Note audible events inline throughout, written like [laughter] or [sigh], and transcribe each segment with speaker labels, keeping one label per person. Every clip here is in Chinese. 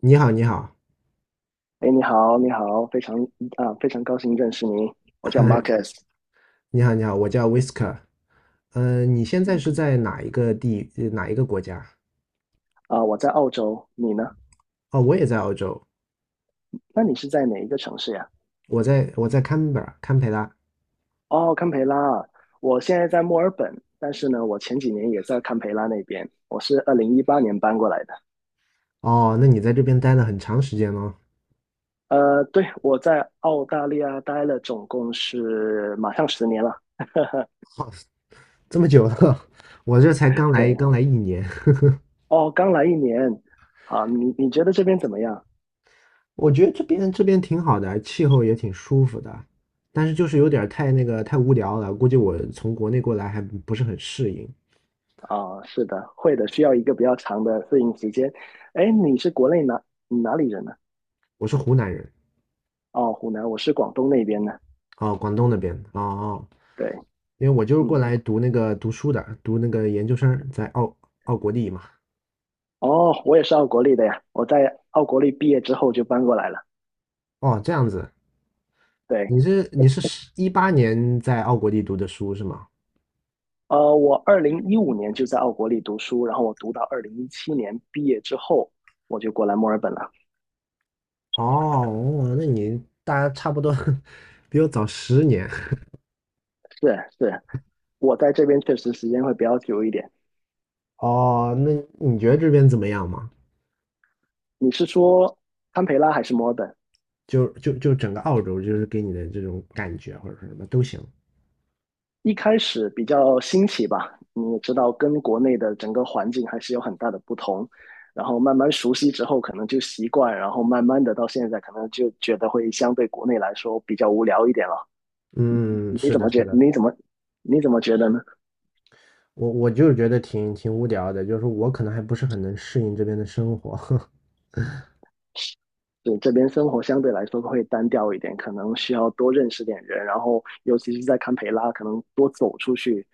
Speaker 1: 你好，你好，
Speaker 2: 哎，你好，你好，非常高兴认识你。我叫
Speaker 1: [laughs]
Speaker 2: Marcus，
Speaker 1: 你好，你好，我叫 Whisker。你现在
Speaker 2: 嗯
Speaker 1: 是在哪一个哪一个国家？
Speaker 2: 我在澳洲，你呢？
Speaker 1: 哦，我也在澳洲，
Speaker 2: 那你是在哪一个城市呀？
Speaker 1: 我在堪培拉，堪培拉。
Speaker 2: 哦，堪培拉，我现在在墨尔本，但是呢，我前几年也在堪培拉那边，我是2018年搬过来的。
Speaker 1: 哦，那你在这边待了很长时间喽，
Speaker 2: 对，我在澳大利亚待了总共是马上十年了。[laughs]
Speaker 1: 这么久了，[laughs] 我这才刚来，
Speaker 2: 对，
Speaker 1: 刚来一年。
Speaker 2: 哦，刚来一年，啊，你觉得这边怎么样？
Speaker 1: [laughs] 我觉得这边挺好的，气候也挺舒服的，但是就是有点儿太那个太无聊了，估计我从国内过来还不是很适应。
Speaker 2: 哦，是的，会的，需要一个比较长的适应时间。哎，你是国内哪你哪里人呢？
Speaker 1: 我是湖南人，
Speaker 2: 哦，湖南，我是广东那边的。
Speaker 1: 哦，广东那边，哦哦。
Speaker 2: 对，
Speaker 1: 因为我就是过
Speaker 2: 嗯，
Speaker 1: 来读那个读书的，读那个研究生，在澳国立嘛。
Speaker 2: 哦，我也是奥国立的呀。我在奥国立毕业之后就搬过来了。
Speaker 1: 哦，这样子，
Speaker 2: 对，
Speaker 1: 你是18年在澳国立读的书是吗？
Speaker 2: 我2015年就在奥国立读书，然后我读到2017年毕业之后，我就过来墨尔本了。
Speaker 1: 哦，哦那你大家差不多 [laughs] 比我早10年。
Speaker 2: 是是，我在这边确实时间会比较久一点。
Speaker 1: 哦，那你觉得这边怎么样嘛？
Speaker 2: 你是说堪培拉还是墨尔本？
Speaker 1: 就整个澳洲，就是给你的这种感觉或者是什么都行。
Speaker 2: 一开始比较新奇吧，你也知道，跟国内的整个环境还是有很大的不同。然后慢慢熟悉之后，可能就习惯，然后慢慢的到现在，可能就觉得会相对国内来说比较无聊一点了。
Speaker 1: 嗯，
Speaker 2: 你
Speaker 1: 是
Speaker 2: 怎
Speaker 1: 的，
Speaker 2: 么
Speaker 1: 是
Speaker 2: 觉？
Speaker 1: 的，
Speaker 2: 你怎么你怎么觉得呢？
Speaker 1: 我就是觉得挺无聊的，就是我可能还不是很能适应这边的生活。[laughs]
Speaker 2: 对，这边生活相对来说会单调一点，可能需要多认识点人，然后尤其是在堪培拉，可能多走出去，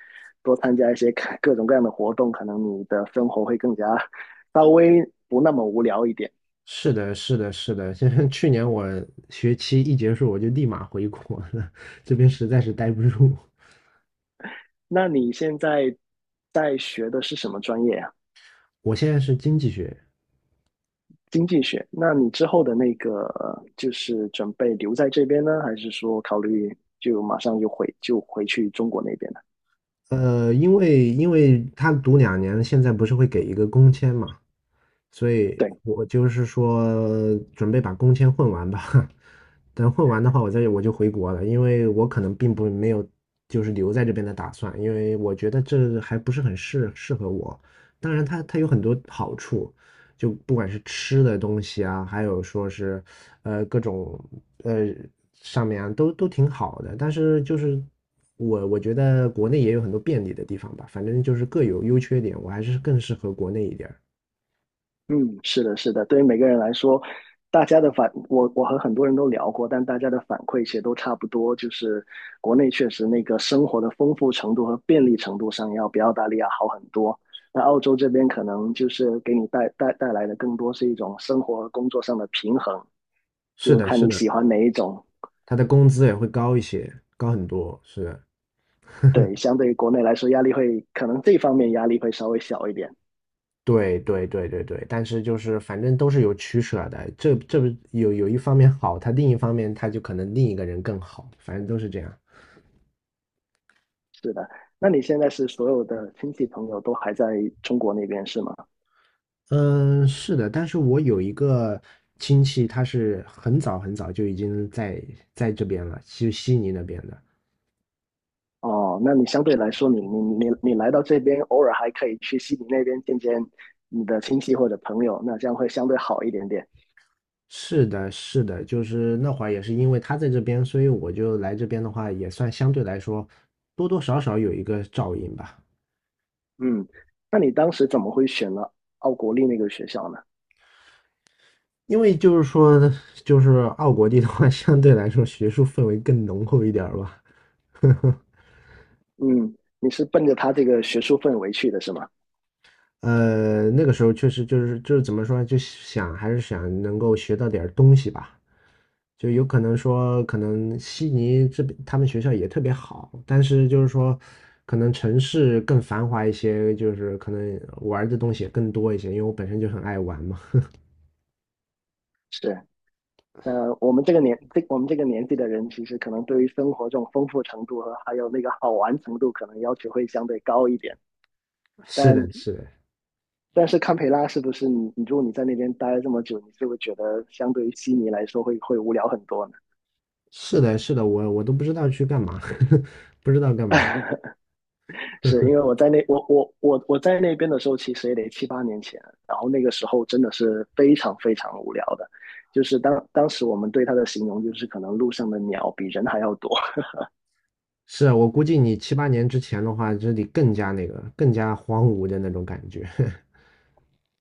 Speaker 2: 多参加一些 [laughs] 各种各样的活动，可能你的生活会更加 [laughs] 稍微不那么无聊一点。
Speaker 1: 是的，是的，是的。现在去年我学期一结束，我就立马回国了，[laughs] 这边实在是待不住。
Speaker 2: 那你现在在学的是什么专业呀、
Speaker 1: 我现在是经济学，
Speaker 2: 经济学。那你之后的那个就是准备留在这边呢，还是说考虑就马上就回去中国那边呢？
Speaker 1: 因为他读两年，现在不是会给一个工签嘛，所以
Speaker 2: 对，
Speaker 1: 我就是说准备把工签混完吧。[laughs] 等混完的话，我就回国了，因为我可能并不没有就是留在这边的打算，因为我觉得这还不是很适合我。当然它有很多好处，就不管是吃的东西啊，还有说是各种呃上面啊，都挺好的。但是就是我觉得国内也有很多便利的地方吧，反正就是各有优缺点，我还是更适合国内一点儿。
Speaker 2: 嗯，是的，是的，对于每个人来说，大家的反，我和很多人都聊过，但大家的反馈其实都差不多，就是国内确实那个生活的丰富程度和便利程度上要比澳大利亚好很多。那澳洲这边可能就是给你带来的更多是一种生活和工作上的平衡，
Speaker 1: 是
Speaker 2: 就
Speaker 1: 的，
Speaker 2: 看
Speaker 1: 是
Speaker 2: 你
Speaker 1: 的。
Speaker 2: 喜欢哪一种。
Speaker 1: 他的工资也会高一些，高很多，是，
Speaker 2: 对，相对于国内来说，压力会可能这方面压力会稍微小一点。
Speaker 1: 对对对对对，但是就是反正都是有取舍的，这不有一方面好，他另一方面他就可能另一个人更好，反正都是这样。
Speaker 2: 是的，那你现在是所有的亲戚朋友都还在中国那边是吗？
Speaker 1: 嗯，是的，但是我有一个亲戚，他是很早很早就已经在这边了，就悉尼那边的。
Speaker 2: 哦，那你相对来说，你来到这边，偶尔还可以去悉尼那边见见你的亲戚或者朋友，那这样会相对好一点点。
Speaker 1: 是的，是的，就是那会儿也是因为他在这边，所以我就来这边的话，也算相对来说多多少少有一个照应吧。
Speaker 2: 嗯，那你当时怎么会选了奥国立那个学校呢？
Speaker 1: 因为就是说，就是奥国地的话，[laughs] 相对来说学术氛围更浓厚一点儿吧。[laughs]
Speaker 2: 嗯，你是奔着他这个学术氛围去的是吗？
Speaker 1: 呃，那个时候确实就是怎么说呢还是想能够学到点儿东西吧。就有可能说，可能悉尼这边他们学校也特别好，但是就是说，可能城市更繁华一些，就是可能玩儿的东西也更多一些，因为我本身就很爱玩嘛。[laughs]
Speaker 2: 是。呃，我们这个年纪的人，其实可能对于生活这种丰富程度和还有那个好玩程度，可能要求会相对高一点。
Speaker 1: 是
Speaker 2: 但
Speaker 1: 的，是的，
Speaker 2: 但是堪培拉是不是如果你在那边待了这么久，你就会觉得相对于悉尼来说会无聊很多呢？
Speaker 1: 是的，是的，我都不知道去干嘛，[laughs] 不知道干嘛。
Speaker 2: [laughs] 是因为我在那边的时候，其实也得7、8年前，然后那个时候真的是非常非常无聊的，就是当时我们对它的形容就是可能路上的鸟比人还要多。[laughs]
Speaker 1: 是啊，我估计你7、8年之前的话，这里更加那个，更加荒芜的那种感觉。[laughs]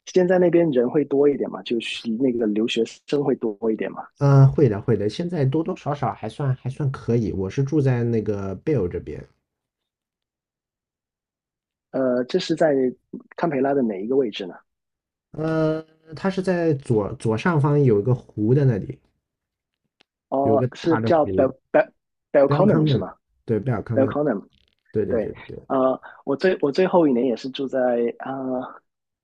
Speaker 2: 现在那边人会多一点嘛，就是那个留学生会多一点嘛。
Speaker 1: 嗯，会的，会的。现在多多少少还算可以。我是住在那个贝尔这边，
Speaker 2: 这是在堪培拉的哪一个位置呢？
Speaker 1: 呃，它是在左上方有一个湖的那里，有
Speaker 2: 哦，
Speaker 1: 个
Speaker 2: 是
Speaker 1: 大的
Speaker 2: 叫 Bel
Speaker 1: 湖，
Speaker 2: Bel b e l
Speaker 1: 贝
Speaker 2: c
Speaker 1: 尔
Speaker 2: o n n
Speaker 1: 康
Speaker 2: e 是
Speaker 1: 嫩，
Speaker 2: 吗？
Speaker 1: 对，贝尔
Speaker 2: b
Speaker 1: 康
Speaker 2: e l
Speaker 1: 嫩，
Speaker 2: c o n n e
Speaker 1: 对对对
Speaker 2: 对，
Speaker 1: 对
Speaker 2: 我最后一年也是住在呃，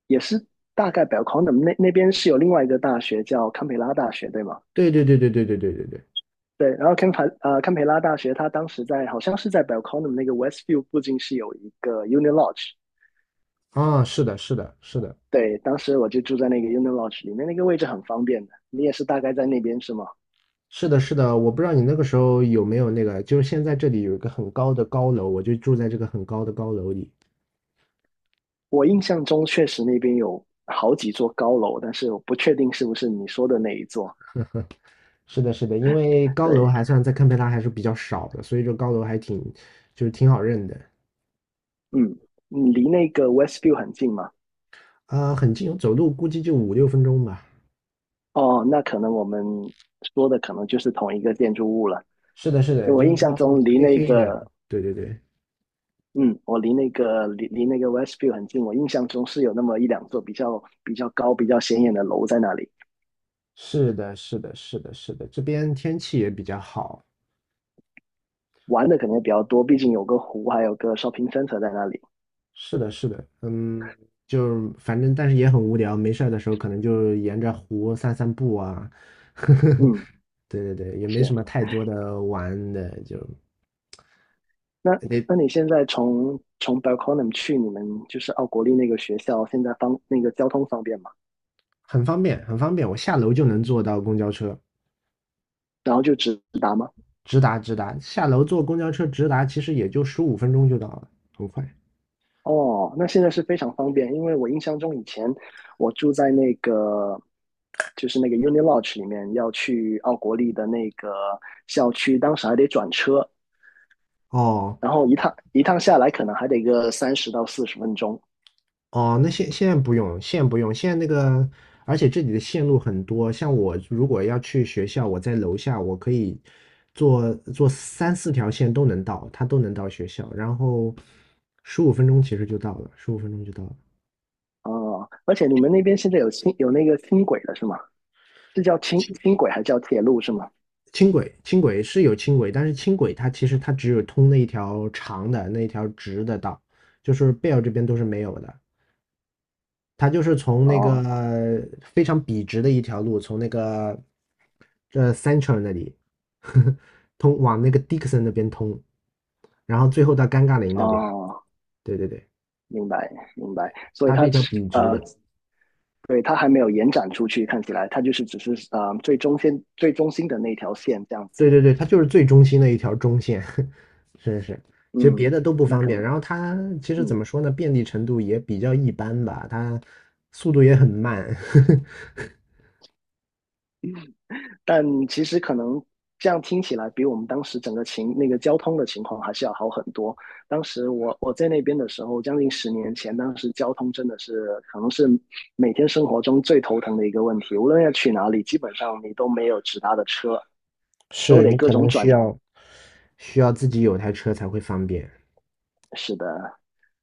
Speaker 2: 也是大概 b e l c o n u m 那边是有另外一个大学叫堪培拉大学，对吗？
Speaker 1: 对对对对对对对对对。
Speaker 2: 对，然后堪培拉大学，它当时在好像是在 b e l c o n u m 那个 Westview 附近是有一个 u n i Lodge。
Speaker 1: 啊，是的，是的，是的，
Speaker 2: 对，当时我就住在那个 u n i Lodge 里面，那个位置很方便的。你也是大概在那边是吗？
Speaker 1: 是的，是的。我不知道你那个时候有没有那个，就是现在这里有一个很高的高楼，我就住在这个很高的高楼里。
Speaker 2: 我印象中确实那边有好几座高楼，但是我不确定是不是你说的那一座。
Speaker 1: 是的，是的，因为高楼
Speaker 2: 对，
Speaker 1: 还算在堪培拉还是比较少的，所以这高楼还挺挺好认的。
Speaker 2: 嗯，你离那个 Westview 很近吗？
Speaker 1: 很近，走路估计就5、6分钟吧。
Speaker 2: 哦，那可能我们说的可能就是同一个建筑物了，
Speaker 1: 是的，是
Speaker 2: 因
Speaker 1: 的，
Speaker 2: 为
Speaker 1: 就是它黑黑的。对对对，
Speaker 2: 我离那个 Westview 很近，我印象中是有那么一两座比较高、比较显眼的楼在那里，
Speaker 1: 是的，是的，是的，是的，这边天气也比较好。
Speaker 2: 玩的可能也比较多，毕竟有个湖，还有个 shopping center 在那里。
Speaker 1: 是的，是的，嗯，就是反正但是也很无聊，没事儿的时候可能就沿着湖散散步啊。[laughs]
Speaker 2: 嗯，
Speaker 1: 对对对，也没什
Speaker 2: 是。
Speaker 1: 么太多的玩的，就。
Speaker 2: 那
Speaker 1: 哎
Speaker 2: 那你现在从 Belconnen 去你们就是奥国立那个学校，现在方那个交通方便吗？
Speaker 1: 很方便，很方便，我下楼就能坐到公交车，
Speaker 2: 然后就直达吗？
Speaker 1: 直达直达，下楼坐公交车直达，其实也就十五分钟就到了，很快。
Speaker 2: 哦，那现在是非常方便，因为我印象中以前我住在那个 Uni Lodge 里面，要去奥国立的那个校区，当时还得转车，
Speaker 1: 哦
Speaker 2: 然后一趟一趟下来可能还得个30到40分钟。
Speaker 1: 哦，那现在不用，现在不用，现在那个，而且这里的线路很多，像我如果要去学校，我在楼下，我可以坐三四条线都能到，它都能到学校，然后十五分钟其实就到了，十五分钟就到了。
Speaker 2: 哦，而且你们那边现在有那个轻轨了是吗？是叫轻轨还是叫铁路是吗？
Speaker 1: 轻轨，轻轨是有轻轨，但是轻轨它其实它只有通那一条长的那一条直的道，就是贝尔这边都是没有的。它就是从那个
Speaker 2: 哦
Speaker 1: 非常笔直的一条路，从那个这 Central 那里呵呵 [laughs] 通往那个 Dixon 那边通，然后最后到尴尬林那边。
Speaker 2: 哦，
Speaker 1: 对对对，
Speaker 2: 明白明白，所以
Speaker 1: 它是一条笔
Speaker 2: 呃，
Speaker 1: 直的。
Speaker 2: 对，它还没有延展出去，看起来它就是只是最中心的那条线这样子。
Speaker 1: 对对对，它就是最中心的一条中线。[laughs] 是是，其实别
Speaker 2: 嗯，
Speaker 1: 的都不
Speaker 2: 那
Speaker 1: 方
Speaker 2: 可
Speaker 1: 便，
Speaker 2: 能，
Speaker 1: 然后它其实怎
Speaker 2: 嗯，
Speaker 1: 么说呢，便利程度也比较一般吧，它速度也很慢，
Speaker 2: 但其实可能这样听起来，比我们当时整个情那个交通的情况还是要好很多。当时我在那边的时候，将近10年前，当时交通真的是可能是每天生活中最头疼的一个问题。无论要去哪里，基本上你都没有直达的车，
Speaker 1: [laughs]
Speaker 2: 都
Speaker 1: 是
Speaker 2: 得
Speaker 1: 你
Speaker 2: 各
Speaker 1: 可
Speaker 2: 种
Speaker 1: 能
Speaker 2: 转。
Speaker 1: 需要自己有台车才会方便。
Speaker 2: 是的，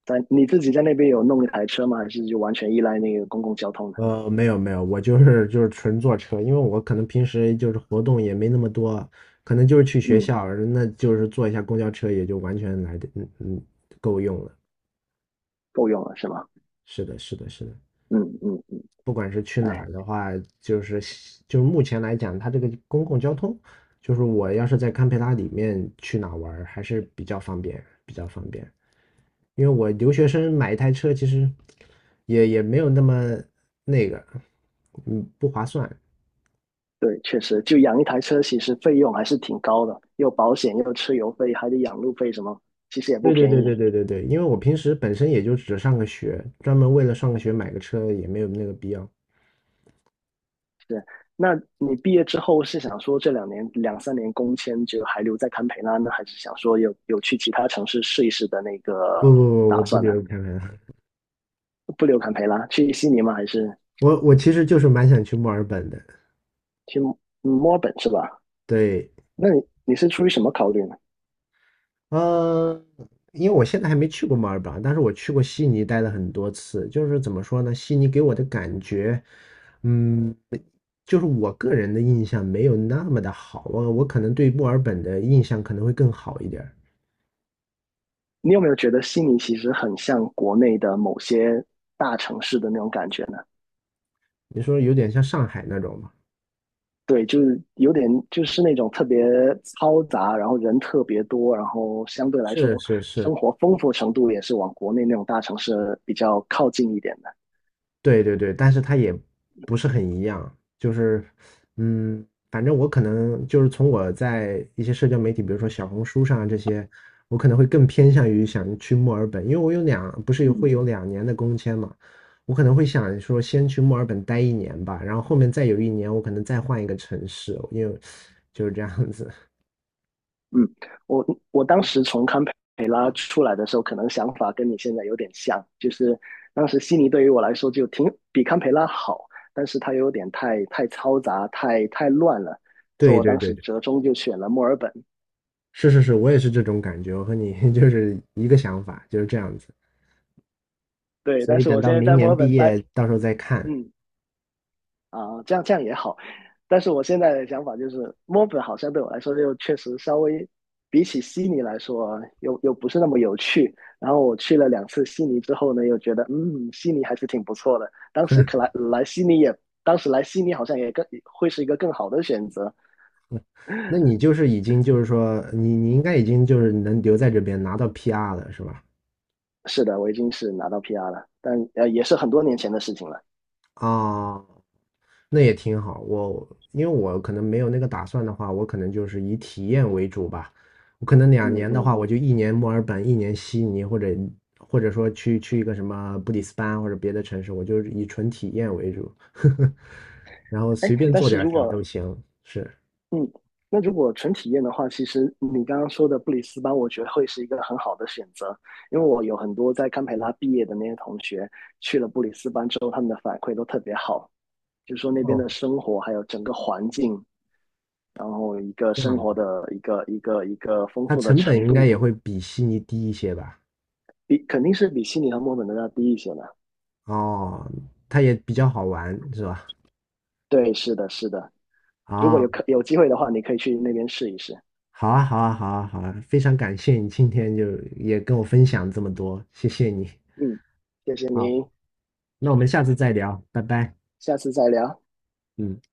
Speaker 2: 你自己在那边有弄一台车吗？还是就完全依赖那个公共交通的？
Speaker 1: 没有没有，我就是纯坐车，因为我可能平时就是活动也没那么多，可能就是去学
Speaker 2: 嗯，
Speaker 1: 校，那就是坐一下公交车也就完全来的够用了。
Speaker 2: 够用了是吗？
Speaker 1: 是的，是的，是的。
Speaker 2: 嗯嗯，
Speaker 1: 不管是去哪
Speaker 2: 哎。
Speaker 1: 儿的话，就是就是目前来讲，它这个公共交通，就是我要是在堪培拉里面去哪儿玩儿还是比较方便，比较方便。因为我留学生买一台车，其实也没有那么那个，不划算。
Speaker 2: 对，确实，就养一台车，其实费用还是挺高的，又保险，又车油费，还得养路费什么，其实也不
Speaker 1: 对对
Speaker 2: 便
Speaker 1: 对
Speaker 2: 宜。
Speaker 1: 对对对对，因为我平时本身也就只上个学，专门为了上个学买个车也没有那个必要。
Speaker 2: 是，那你毕业之后是想说这2、3年工签就还留在堪培拉呢，还是想说有去其他城市试一试的那
Speaker 1: 不
Speaker 2: 个
Speaker 1: 不不，我
Speaker 2: 打
Speaker 1: 不
Speaker 2: 算呢？
Speaker 1: 留堪培拉，
Speaker 2: 不留堪培拉，去悉尼吗？还是
Speaker 1: [laughs] 我其实就是蛮想去墨尔本的。
Speaker 2: 去墨尔本是吧？
Speaker 1: 对，
Speaker 2: 那你是出于什么考虑呢？
Speaker 1: 嗯，因为我现在还没去过墨尔本，但是我去过悉尼，待了很多次。就是怎么说呢，悉尼给我的感觉，嗯，就是我个人的印象没有那么的好。我可能对墨尔本的印象可能会更好一点儿。
Speaker 2: 你有没有觉得悉尼其实很像国内的某些大城市的那种感觉呢？
Speaker 1: 你说有点像上海那种嘛？
Speaker 2: 对，就是有点就是那种特别嘈杂，然后人特别多，然后相对来
Speaker 1: 是
Speaker 2: 说
Speaker 1: 是是，
Speaker 2: 生活丰富程度也是往国内那种大城市比较靠近一点的。
Speaker 1: 对对对，但是它也不是很一样，就是，反正我可能就是从我在一些社交媒体，比如说小红书上啊这些，我可能会更偏向于想去墨尔本，因为我有两，不是有会
Speaker 2: 嗯
Speaker 1: 有两年的工签嘛，我可能会想说先去墨尔本待一年吧，然后后面再有一年我可能再换一个城市，因为就是这样子。
Speaker 2: 嗯，我我当时从堪培拉出来的时候，可能想法跟你现在有点像，就是当时悉尼对于我来说就挺比堪培拉好，但是它有点太嘈杂，太乱了，
Speaker 1: [laughs]
Speaker 2: 所以
Speaker 1: 对
Speaker 2: 我
Speaker 1: 对
Speaker 2: 当
Speaker 1: 对
Speaker 2: 时
Speaker 1: 对，
Speaker 2: 折中就选了墨尔本。
Speaker 1: 是是是，我也是这种感觉，我和你 [laughs] 就是一个想法，就是这样子。
Speaker 2: 对，
Speaker 1: 所
Speaker 2: 但
Speaker 1: 以
Speaker 2: 是
Speaker 1: 等
Speaker 2: 我
Speaker 1: 到
Speaker 2: 现在
Speaker 1: 明
Speaker 2: 在墨
Speaker 1: 年
Speaker 2: 尔
Speaker 1: 毕
Speaker 2: 本待，
Speaker 1: 业，到时候再看。
Speaker 2: 嗯。啊，这样这样也好。但是我现在的想法就是，墨本好像对我来说又确实稍微比起悉尼来说，又不是那么有趣。然后我去了两次悉尼之后呢，又觉得悉尼还是挺不错的。当时来悉尼好像也更会是一个更好的选择。
Speaker 1: 那你就是已经就是说，你应该已经就是能留在这边拿到 PR 了，是吧？
Speaker 2: 是的，我已经是拿到 PR 了，但也是很多年前的事情了。
Speaker 1: 啊，那也挺好。因为我可能没有那个打算的话，我可能就是以体验为主吧。我可能两
Speaker 2: 嗯
Speaker 1: 年的
Speaker 2: 嗯，
Speaker 1: 话，我就一年墨尔本，一年悉尼，或者说去一个什么布里斯班或者别的城市，我就是以纯体验为主，[laughs] 然后
Speaker 2: 哎，
Speaker 1: 随便
Speaker 2: 但
Speaker 1: 做
Speaker 2: 是
Speaker 1: 点
Speaker 2: 如
Speaker 1: 啥
Speaker 2: 果
Speaker 1: 都行。是，
Speaker 2: 嗯，那如果纯体验的话，其实你刚刚说的布里斯班，我觉得会是一个很好的选择，因为我有很多在堪培拉毕业的那些同学去了布里斯班之后，他们的反馈都特别好，就说那边
Speaker 1: 哦，
Speaker 2: 的生活还有整个环境，然后一个
Speaker 1: 这
Speaker 2: 生
Speaker 1: 样
Speaker 2: 活
Speaker 1: 子，
Speaker 2: 的一个丰
Speaker 1: 它
Speaker 2: 富的
Speaker 1: 成本
Speaker 2: 程
Speaker 1: 应该
Speaker 2: 度，
Speaker 1: 也会比悉尼低一些吧？
Speaker 2: 肯定是比悉尼和墨尔本都要低一些的。
Speaker 1: 哦，它也比较好玩是吧？
Speaker 2: 对，是的，是的。如果
Speaker 1: 啊，
Speaker 2: 有机会的话，你可以去那边试一试。
Speaker 1: 好啊，好啊，好啊，好啊，非常感谢你今天就也跟我分享这么多，谢谢你。
Speaker 2: 嗯，谢谢您，
Speaker 1: 好，那我们下次再聊，拜拜。
Speaker 2: 下次再聊。
Speaker 1: 嗯。